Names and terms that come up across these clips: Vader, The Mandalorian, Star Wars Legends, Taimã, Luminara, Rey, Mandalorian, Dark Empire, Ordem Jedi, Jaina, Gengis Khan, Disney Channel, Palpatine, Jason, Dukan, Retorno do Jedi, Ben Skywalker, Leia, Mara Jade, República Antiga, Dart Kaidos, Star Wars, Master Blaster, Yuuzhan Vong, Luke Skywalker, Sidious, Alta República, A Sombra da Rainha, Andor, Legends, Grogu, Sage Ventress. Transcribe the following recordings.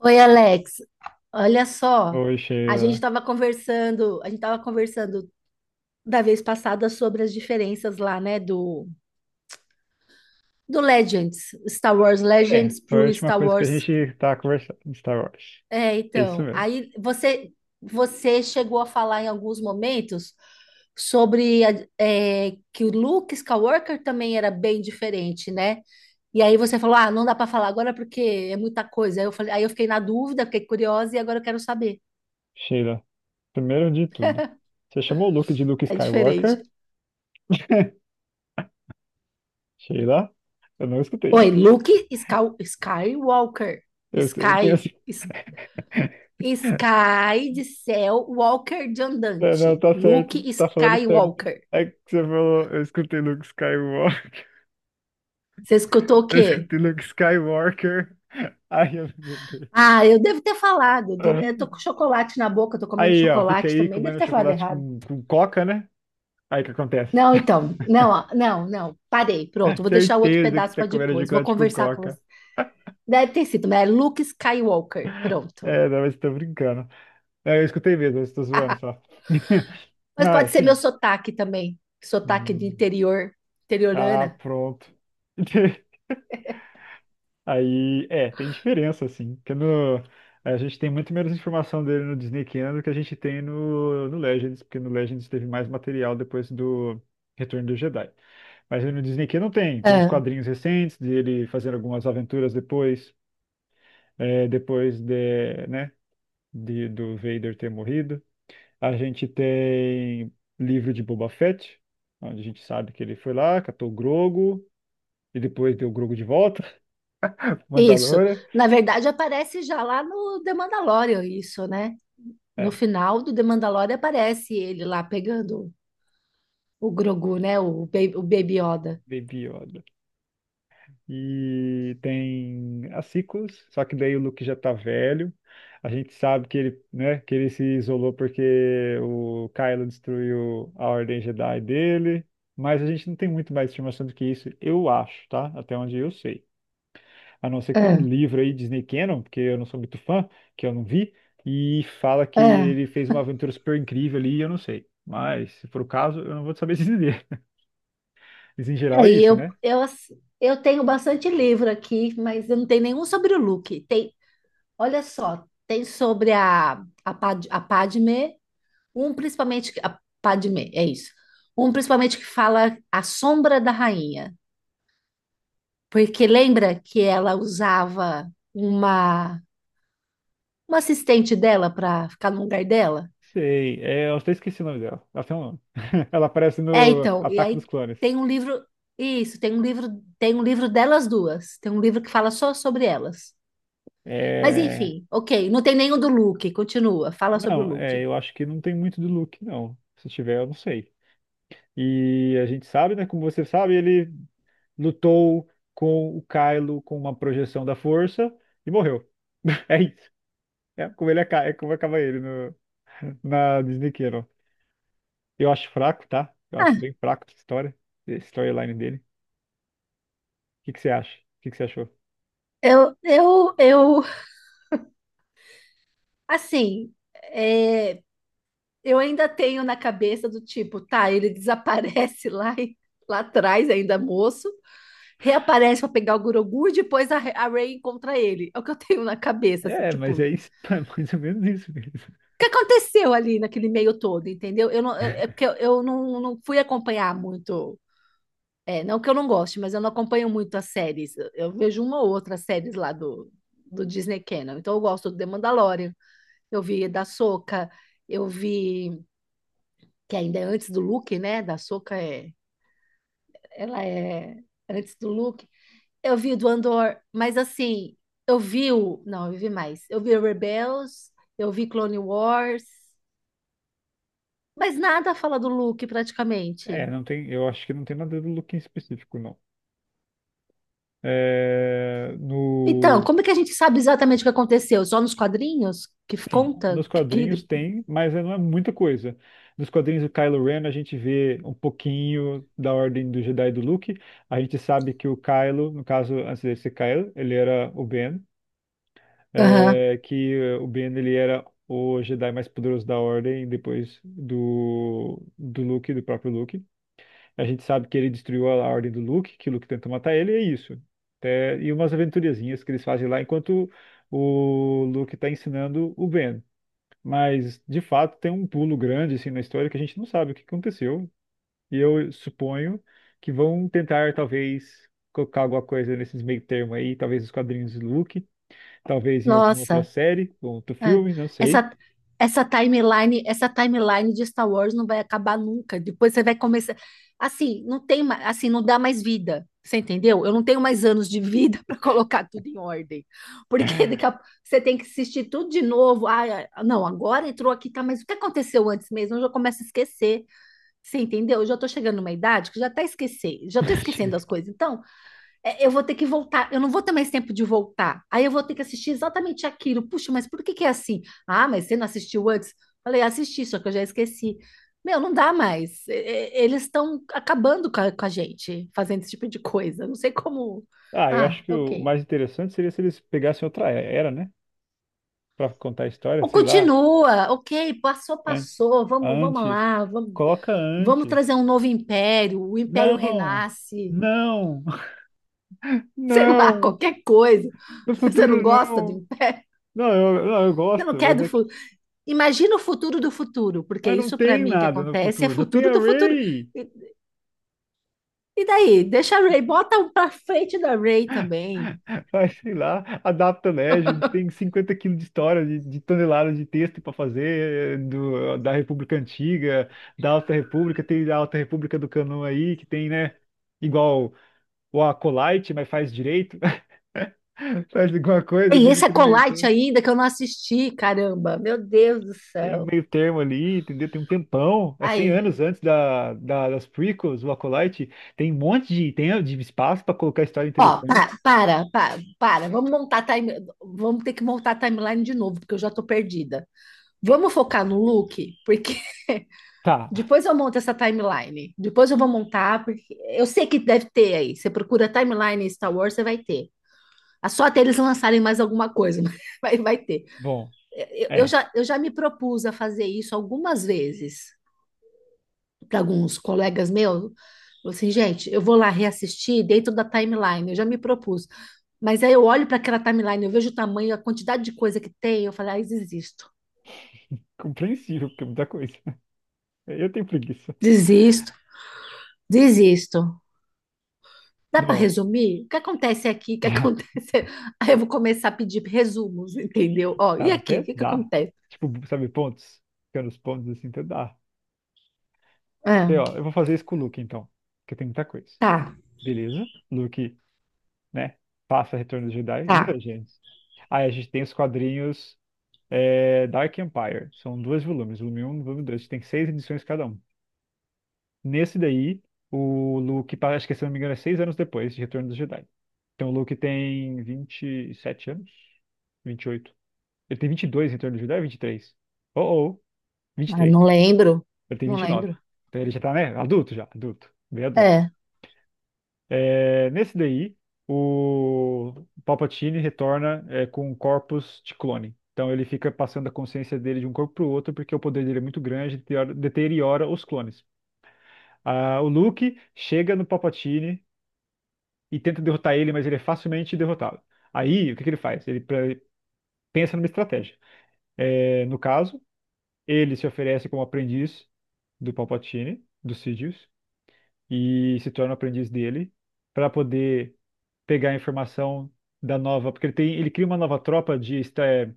Oi, Alex. Olha só, Oi, a gente Sheila. estava conversando, a gente estava conversando da vez passada sobre as diferenças lá, né, do Legends, Star Wars É, Legends foi a pro última Star coisa que a Wars. gente tá conversando de Star Wars. É, É isso então, mesmo. aí você chegou a falar em alguns momentos sobre que o Luke Skywalker também era bem diferente, né? E aí você falou, ah, não dá para falar agora porque é muita coisa. Aí eu falei, aí eu fiquei na dúvida, fiquei curiosa e agora eu quero saber. Sheila, primeiro de tudo, você chamou o Luke de Luke É diferente. Skywalker? Sheila, eu não escutei Oi, isso. Skywalker. Eu tenho Sky. assim. S- Sky de céu, Walker de Não, não, andante. tá Luke certo, tá falando certo. Skywalker. É que você falou, eu escutei Luke Skywalker. Você escutou o Eu quê? escutei Luke Skywalker. Ai, eu não aguentei. Ah, eu devo ter falado. Eu tô com chocolate na boca, tô comendo Aí, ó, fica chocolate aí também. Devo comendo ter falado chocolate errado. com coca, né? Aí o que acontece? Não, então. Não, ó, não, não. Parei. Pronto, vou deixar o outro Certeza que pedaço você tá para comendo depois. Vou chocolate com conversar com você. coca. Deve ter sido, mas é Luke Skywalker. Pronto. É, não, mas tô brincando. É, eu escutei mesmo, eu estou zoando só. Mas Não, é pode ser meu assim. sotaque também. Sotaque de Hum, interior, tá interiorana. pronto. Aí, é, tem diferença, assim. Porque no, a gente tem muito menos informação dele no Disney Channel do que a gente tem no Legends, porque no Legends teve mais material depois do Retorno do Jedi. Mas no Disney Channel tem uns quadrinhos recentes dele fazendo algumas aventuras depois. É, depois de, né, do Vader ter morrido. A gente tem livro de Boba Fett, onde a gente sabe que ele foi lá, catou o Grogu, e depois deu o Grogu de volta, Isso. Mandalorian. Na verdade, aparece já lá no The Mandalorian, isso, né? No É, final do The Mandalorian aparece ele lá pegando o Grogu, né? O Baby Yoda. Baby Yoda. E tem as sequels, só que daí o Luke já tá velho. A gente sabe que ele, né, que ele se isolou porque o Kylo destruiu a Ordem Jedi dele. Mas a gente não tem muito mais informação do que isso, eu acho, tá? Até onde eu sei. A não ser que tenha É, um livro aí, Disney Canon, porque eu não sou muito fã, que eu não vi, e fala que é. ele fez uma aventura super incrível ali, eu não sei. Mas, se for o caso, eu não vou saber dizer. Mas, em geral, É, é e isso, eu, né? eu, ass- eu tenho bastante livro aqui, mas eu não tenho nenhum sobre o Luke. Tem, olha só, tem sobre a Padmé, um principalmente, a Padmé, é isso. Um principalmente que fala A Sombra da Rainha. Porque lembra que ela usava uma assistente dela para ficar no lugar dela? Sei, é, eu até esqueci o nome dela. Ela tem um nome. Ela aparece É, no então, e Ataque dos aí Clones. tem um livro, isso, tem um livro delas duas. Tem um livro que fala só sobre elas. Mas É. enfim, ok, não tem nenhum do Luke, continua, fala sobre o Não, é, Luke. eu acho que não tem muito do Luke, não. Se tiver, eu não sei. E a gente sabe, né? Como você sabe, ele lutou com o Kylo com uma projeção da força e morreu. É isso. É como ele acaba, é como acaba ele no, na Disney Channel. Eu acho fraco, tá? Eu acho Ah, bem fraco essa história, essa storyline dele. O que que você acha? O que que você achou? eu, assim, é, eu ainda tenho na cabeça do tipo, tá, ele desaparece lá atrás ainda moço, reaparece pra pegar o Grogu e depois a Rey encontra ele. É o que eu tenho na cabeça, assim, É, tipo, mas o é isso, é mais ou menos isso mesmo. que aconteceu ali naquele meio todo, entendeu? Eu não, eu- é porque eu não fui acompanhar muito. É, não que eu não goste, mas eu não acompanho muito as séries. Eu vejo uma ou outra séries lá do Disney Channel. Então eu gosto do The Mandalorian, eu vi da Soca, eu vi que ainda é antes do Luke, né? Da Soca é, ela é antes do Luke. Eu vi o do Andor, mas assim, eu vi o. Não, eu vi mais. Eu vi o Rebels, eu vi Clone Wars, mas nada fala do Luke É, praticamente. não tem, eu acho que não tem nada do Luke em específico, não. É, Então, no, como é que a gente sabe exatamente o que aconteceu? Só nos quadrinhos que sim, conta nos que quadrinhos ele. tem, mas não é muita coisa. Nos quadrinhos do Kylo Ren a gente vê um pouquinho da Ordem do Jedi e do Luke. A gente sabe que o Kylo, no caso, antes dele ser Kylo, ele era o Ben. Aham. É, que o Ben ele era o Jedi mais poderoso da Ordem depois do Luke, do próprio Luke. A gente sabe que ele destruiu a Ordem do Luke, que o Luke tentou matar ele, e é isso. É, e umas aventuriazinhas que eles fazem lá enquanto o Luke está ensinando o Ben. Mas, de fato, tem um pulo grande assim na história que a gente não sabe o que aconteceu. E eu suponho que vão tentar, talvez, colocar alguma coisa nesses meio termo aí, talvez os quadrinhos do Luke talvez em alguma outra Nossa. série, ou outro É. filme, não sei. Essa, essa timeline de Star Wars não vai acabar nunca. Depois você vai começar. Assim, não tem mais, assim, não dá mais vida. Você entendeu? Eu não tenho mais anos de vida para colocar tudo em ordem. Porque daqui a... você tem que assistir tudo de novo. Ah, não, agora entrou aqui, tá, mas o que aconteceu antes mesmo? Eu já começo a esquecer. Você entendeu? Eu já tô chegando numa idade que já tá esquecendo, já tô esquecendo as coisas. Então, é, eu vou ter que voltar, eu não vou ter mais tempo de voltar. Aí eu vou ter que assistir exatamente aquilo. Puxa, mas por que que é assim? Ah, mas você não assistiu antes? Falei, assisti, só que eu já esqueci. Meu, não dá mais. Eles estão acabando com com a gente, fazendo esse tipo de coisa. Não sei como. Ah, eu acho Ah, que o ok. mais interessante seria se eles pegassem outra era, né? Pra contar a história, Ou sei lá, continua, ok, passou, an- passou. Antes. Coloca Vamos antes. trazer um novo império. O império Não, renasce, não, sei lá, não, qualquer coisa. no Você não futuro gosta do não. império? Não, não, eu Você não gosto, quer mas do, é que. fu- Imagina o futuro do futuro, porque Mas não isso para tem mim que nada no acontece é futuro, só tem futuro a do futuro. Ray. E, e daí? Deixa a Ray, bota um pra frente da Ray também. Vai, sei lá, adapta, né? A gente tem 50 quilos de história, de toneladas de texto para fazer da República Antiga, da Alta República, tem a Alta República do Canon aí, que tem, né? Igual o Acolyte, mas faz direito, faz alguma coisa Tem ali esse naquele meio Acolyte termo. ainda que eu não assisti, caramba. Meu Deus do Tem um céu. meio termo ali, entendeu? Tem um tempão, é 100 Aí, anos antes das prequels, o Acolyte. Tem um monte de, tem, de espaço para colocar história ó, interessante. Para. Vamos montar a time, vamos ter que montar a timeline de novo, porque eu já tô perdida. Vamos focar no Luke, porque Tá, depois eu monto essa timeline. Depois eu vou montar, porque eu sei que deve ter aí. Você procura timeline em Star Wars, você vai ter. Ah, só até eles lançarem mais alguma coisa, mas vai ter. bom, é Eu já me propus a fazer isso algumas vezes para alguns colegas meus. Falei assim, gente, eu vou lá reassistir dentro da timeline, eu já me propus. Mas aí eu olho para aquela timeline, eu vejo o tamanho, a quantidade de coisa que tem, eu falo, ai, desisto, compreensível, porque é muita coisa. Eu tenho preguiça. desisto, desisto. Dá para Não, resumir? O que acontece aqui? O que acontece? Aí eu vou começar a pedir resumos, entendeu? Ó, e aqui? O até que que dá. acontece? Tipo, sabe, pontos? Ficando os pontos assim, até dá. Ok, Ah, ó, eu vou fazer isso com o Luke, então. Porque tem muita coisa. tá, Beleza. Luke, né? Passa Retorno do Jedi e não é, tá. gente. Aí a gente tem os quadrinhos é, Dark Empire. São 2 volumes, volume 1, e volume 2. A gente tem 6 edições cada um. Nesse daí, o Luke, acho que se eu não me engano, é 6 anos depois de Retorno do Jedi. Então o Luke tem 27 anos? 28. Ele tem 22 em Retorno do Jedi ou 23? Oh, oh. vinte e Ai, três Ele tem não 29. lembro. Então ele já tá, né? Adulto já, adulto, bem adulto. É, É, nesse daí, o Palpatine retorna com um corpus de clone. Então ele fica passando a consciência dele de um corpo pro outro, porque o poder dele é muito grande, deteriora os clones. Ah, o Luke chega no Palpatine e tenta derrotar ele, mas ele é facilmente derrotado. Aí, o que que ele faz? Ele pensa numa estratégia. É, no caso, ele se oferece como aprendiz do Palpatine, do Sidious, e se torna o aprendiz dele para poder pegar a informação da nova, porque ele tem, ele cria uma nova tropa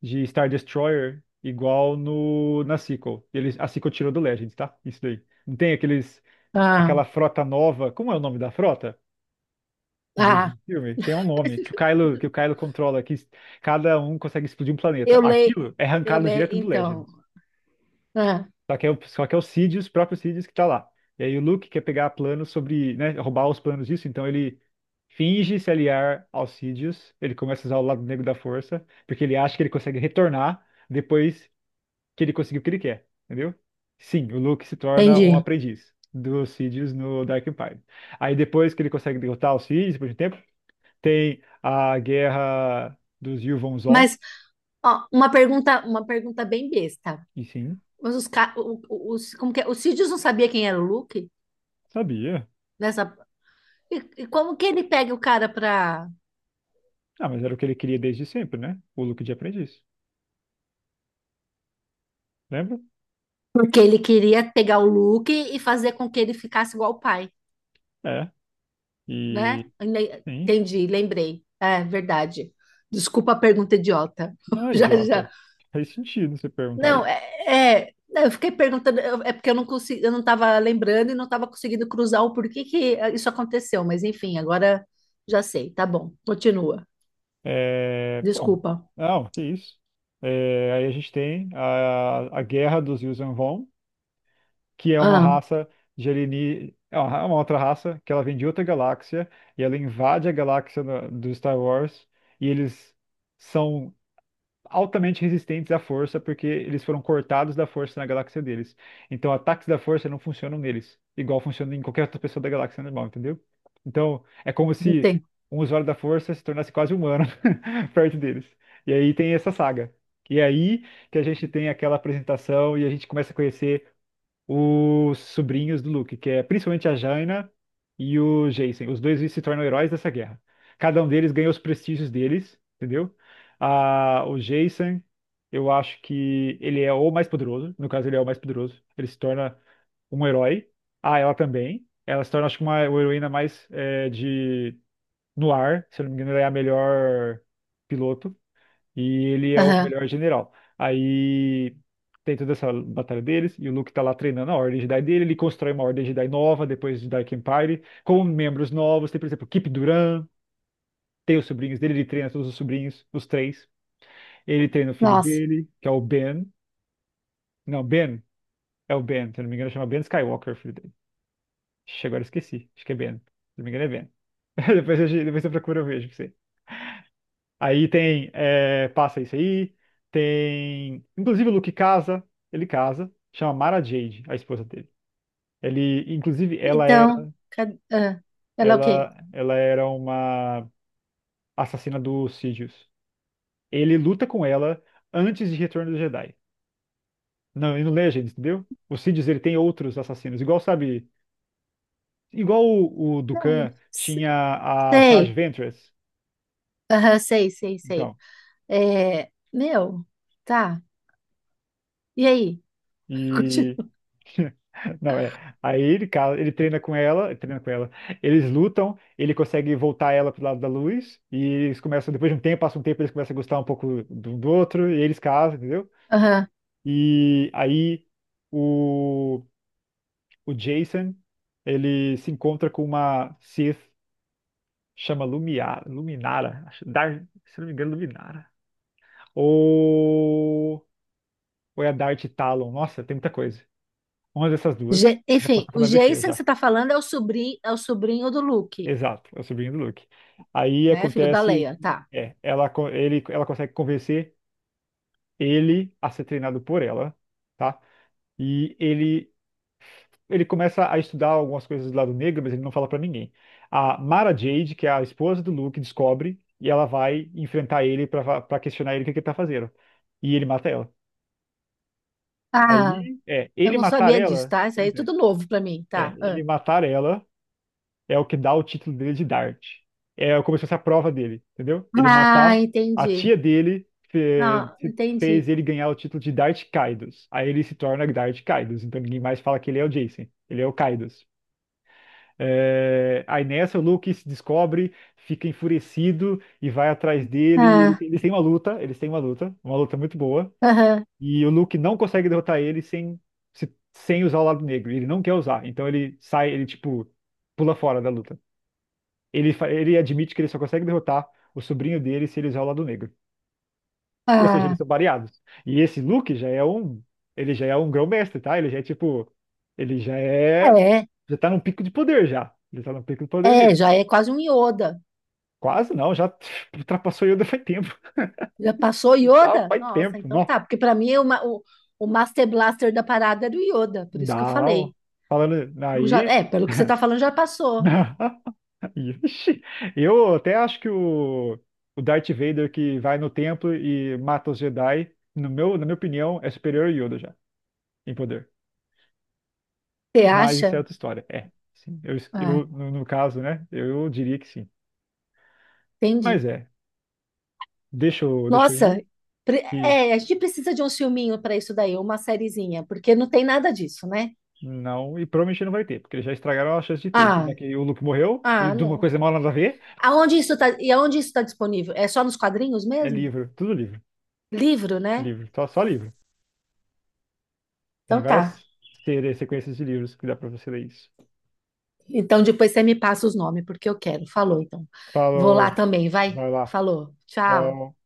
de Star Destroyer igual no na sequel. Ele, a sequel tirou do Legends, tá? Isso daí. Não tem aqueles ah, aquela frota nova, como é o nome da frota? Do ah, filme, tem um nome que o Kylo controla, que cada um consegue explodir um planeta. eu leio, Aquilo é eu arrancado leio, direto do Legends. então, ah, Só que é o Sidious, o próprio Sidious que tá lá. E aí o Luke quer pegar planos sobre, né, roubar os planos disso, então ele finge se aliar ao Sidious, ele começa a usar o lado negro da força, porque ele acha que ele consegue retornar depois que ele conseguiu o que ele quer, entendeu? Sim, o Luke se torna um entendi. aprendiz do Sidious no Dark Empire. Aí depois que ele consegue derrotar o Sidious, depois de um tempo, tem a guerra dos Yuvon Zon, Mas, ó, uma pergunta bem besta. e sim, Mas os, ca- o- os, como que é? O Sidious não sabia quem era o Luke sabia. nessa, e, e como que ele pega o cara pra, Ah, mas era o que ele queria desde sempre, né? O Luke de aprendiz. Lembra? porque ele queria pegar o Luke e fazer com que ele ficasse igual o pai, É, né? e sim, Entendi, lembrei. É, verdade. Desculpa a pergunta idiota. não é Já, idiota. já. Faz sentido você perguntar Não, isso. Não, eu fiquei perguntando, é porque eu não consegui, eu não estava lembrando e não estava conseguindo cruzar o porquê que isso aconteceu, mas enfim, agora já sei, tá bom, continua. É, bom, Desculpa. não, que isso. É, aí a gente tem a guerra dos Yuuzhan Vong, que é uma Ah, raça de é uma outra raça que ela vem de outra galáxia e ela invade a galáxia do Star Wars e eles são altamente resistentes à força, porque eles foram cortados da força na galáxia deles. Então, ataques da força não funcionam neles, igual funciona em qualquer outra pessoa da galáxia normal, entendeu? Então, é como não se tem. um usuário da força se tornasse quase humano perto deles. E aí tem essa saga. E aí que a gente tem aquela apresentação e a gente começa a conhecer os sobrinhos do Luke, que é principalmente a Jaina e o Jason. Os dois se tornam heróis dessa guerra. Cada um deles ganha os prestígios deles, entendeu? Ah, o Jason, eu acho que ele é o mais poderoso. No caso, ele é o mais poderoso. Ele se torna um herói. Ah, ela também. Ela se torna, acho que, uma heroína mais de no ar. Se eu não me engano, ela é a melhor piloto. E ele é o Aham. melhor general. Aí tem toda essa batalha deles, e o Luke tá lá treinando a Ordem Jedi dele, ele constrói uma Ordem Jedi nova depois de Dark Empire, com membros novos, tem, por exemplo, Kip Duran, tem os sobrinhos dele, ele treina todos os sobrinhos, os três. Ele treina o filho Nossa. dele, que é o Ben. Não, Ben, é o Ben, se eu não me engano, chama Ben Skywalker, o filho dele. Ixi, agora eu esqueci, acho que é Ben. Se eu não me engano, é Ben. Depois eu procuro, eu vejo. Aí tem, é, passa isso aí, tem, inclusive o Luke casa, ele casa, chama Mara Jade, a esposa dele. Ele, inclusive, ela Então, era, ela é o quê? ela, ela era uma assassina do Sidious. Ele luta com ela antes de Retorno do Jedi. Não, e no Legends, entendeu? O Sidious, ele tem outros assassinos, igual, sabe, igual o Não, Dukan s- tinha a Sage Sei. Ventress. Aham, sei. Então, É, meu, tá. E aí? E. Continua. Não, é. Aí ele, cara, ele treina com ela, ele treina com ela. Eles lutam, ele consegue voltar ela pro lado da luz, e eles começam, depois de um tempo, passa um tempo, eles começam a gostar um pouco do outro, e eles casam, entendeu? Aham. E aí o, o Jason, ele se encontra com uma Sith, chama Lumiar, Luminara, se não me engano, Luminara. Ou, ou é a Darth Talon, nossa, tem muita coisa. Uma dessas duas, já posso Enfim, estar o falando besteira Jason que já. você tá falando é o sobrinho do Luke, Exato, é o sobrinho do Luke. Aí né? Filho da acontece Leia, que tá. Ela consegue convencer ele a ser treinado por ela, tá? E ele começa a estudar algumas coisas do lado negro, mas ele não fala pra ninguém. A Mara Jade, que é a esposa do Luke, descobre e ela vai enfrentar ele pra questionar ele o que que ele tá fazendo. E ele mata ela. Ah, Aí, é, eu ele não matar sabia disso, ela, tá? Isso aí é pois é, tudo novo pra mim, é, tá? Ah, ele matar ela é o que dá o título dele de Dart. É como se fosse a prova dele, entendeu? Ele ah, matar a entendi. tia dele Não, fez entendi. ele ganhar o título de Dart Kaidos. Aí ele se torna Dart Kaidos, então ninguém mais fala que ele é o Jason, ele é o Kaidos. É, aí nessa o Luke se descobre, fica enfurecido e vai atrás dele. Ah, Eles têm uma luta, eles têm uma luta muito boa. aham, E o Luke não consegue derrotar ele sem, sem usar o lado negro. Ele não quer usar, então ele sai, ele tipo pula fora da luta. Ele, ele admite que ele só consegue derrotar o sobrinho dele se ele usar o lado negro. Ou seja, eles ah, são variados. E esse Luke já é um. Ele já é um grão-mestre, tá? Ele já é tipo. Ele já é. é, Já tá num pico de poder já. Ele tá no pico de poder dele. é, já é quase um Yoda. Quase não, já ultrapassou Yoda faz tempo. Já passou Já Yoda? faz Nossa, tempo, então não. tá, porque pra mim o Master Blaster da parada era o Yoda, por isso que eu Não. falei. Falando Então já, aí. é, pelo que você tá falando, já passou. Ixi, eu até acho que o Darth Vader que vai no templo e mata os Jedi, no meu, na minha opinião, é superior ao Yoda já. Em poder. Você Mas isso é acha? outra história. É, sim. Eu, Ah, eu no caso, né? Eu diria que sim. entendi. Mas é, deixa eu Nossa, ir e é, a gente precisa de um filminho pra isso daí, uma sériezinha, porque não tem nada disso, né? não, e provavelmente não vai ter, porque eles já estragaram a chance de ter. Ah, Já que o Luke morreu, e ah, de uma não. coisa mal nada a ver, Aonde isso tá, e aonde isso está disponível? É só nos quadrinhos é mesmo? livro, tudo livro. Livro, né? Livro, só livro. Tem Então tá. várias sequências de livros que dá pra você ler isso. Então depois você me passa os nomes, porque eu quero. Falou, então. Vou lá Falou, também, vai. vai lá. Falou. Tchau. Tchau.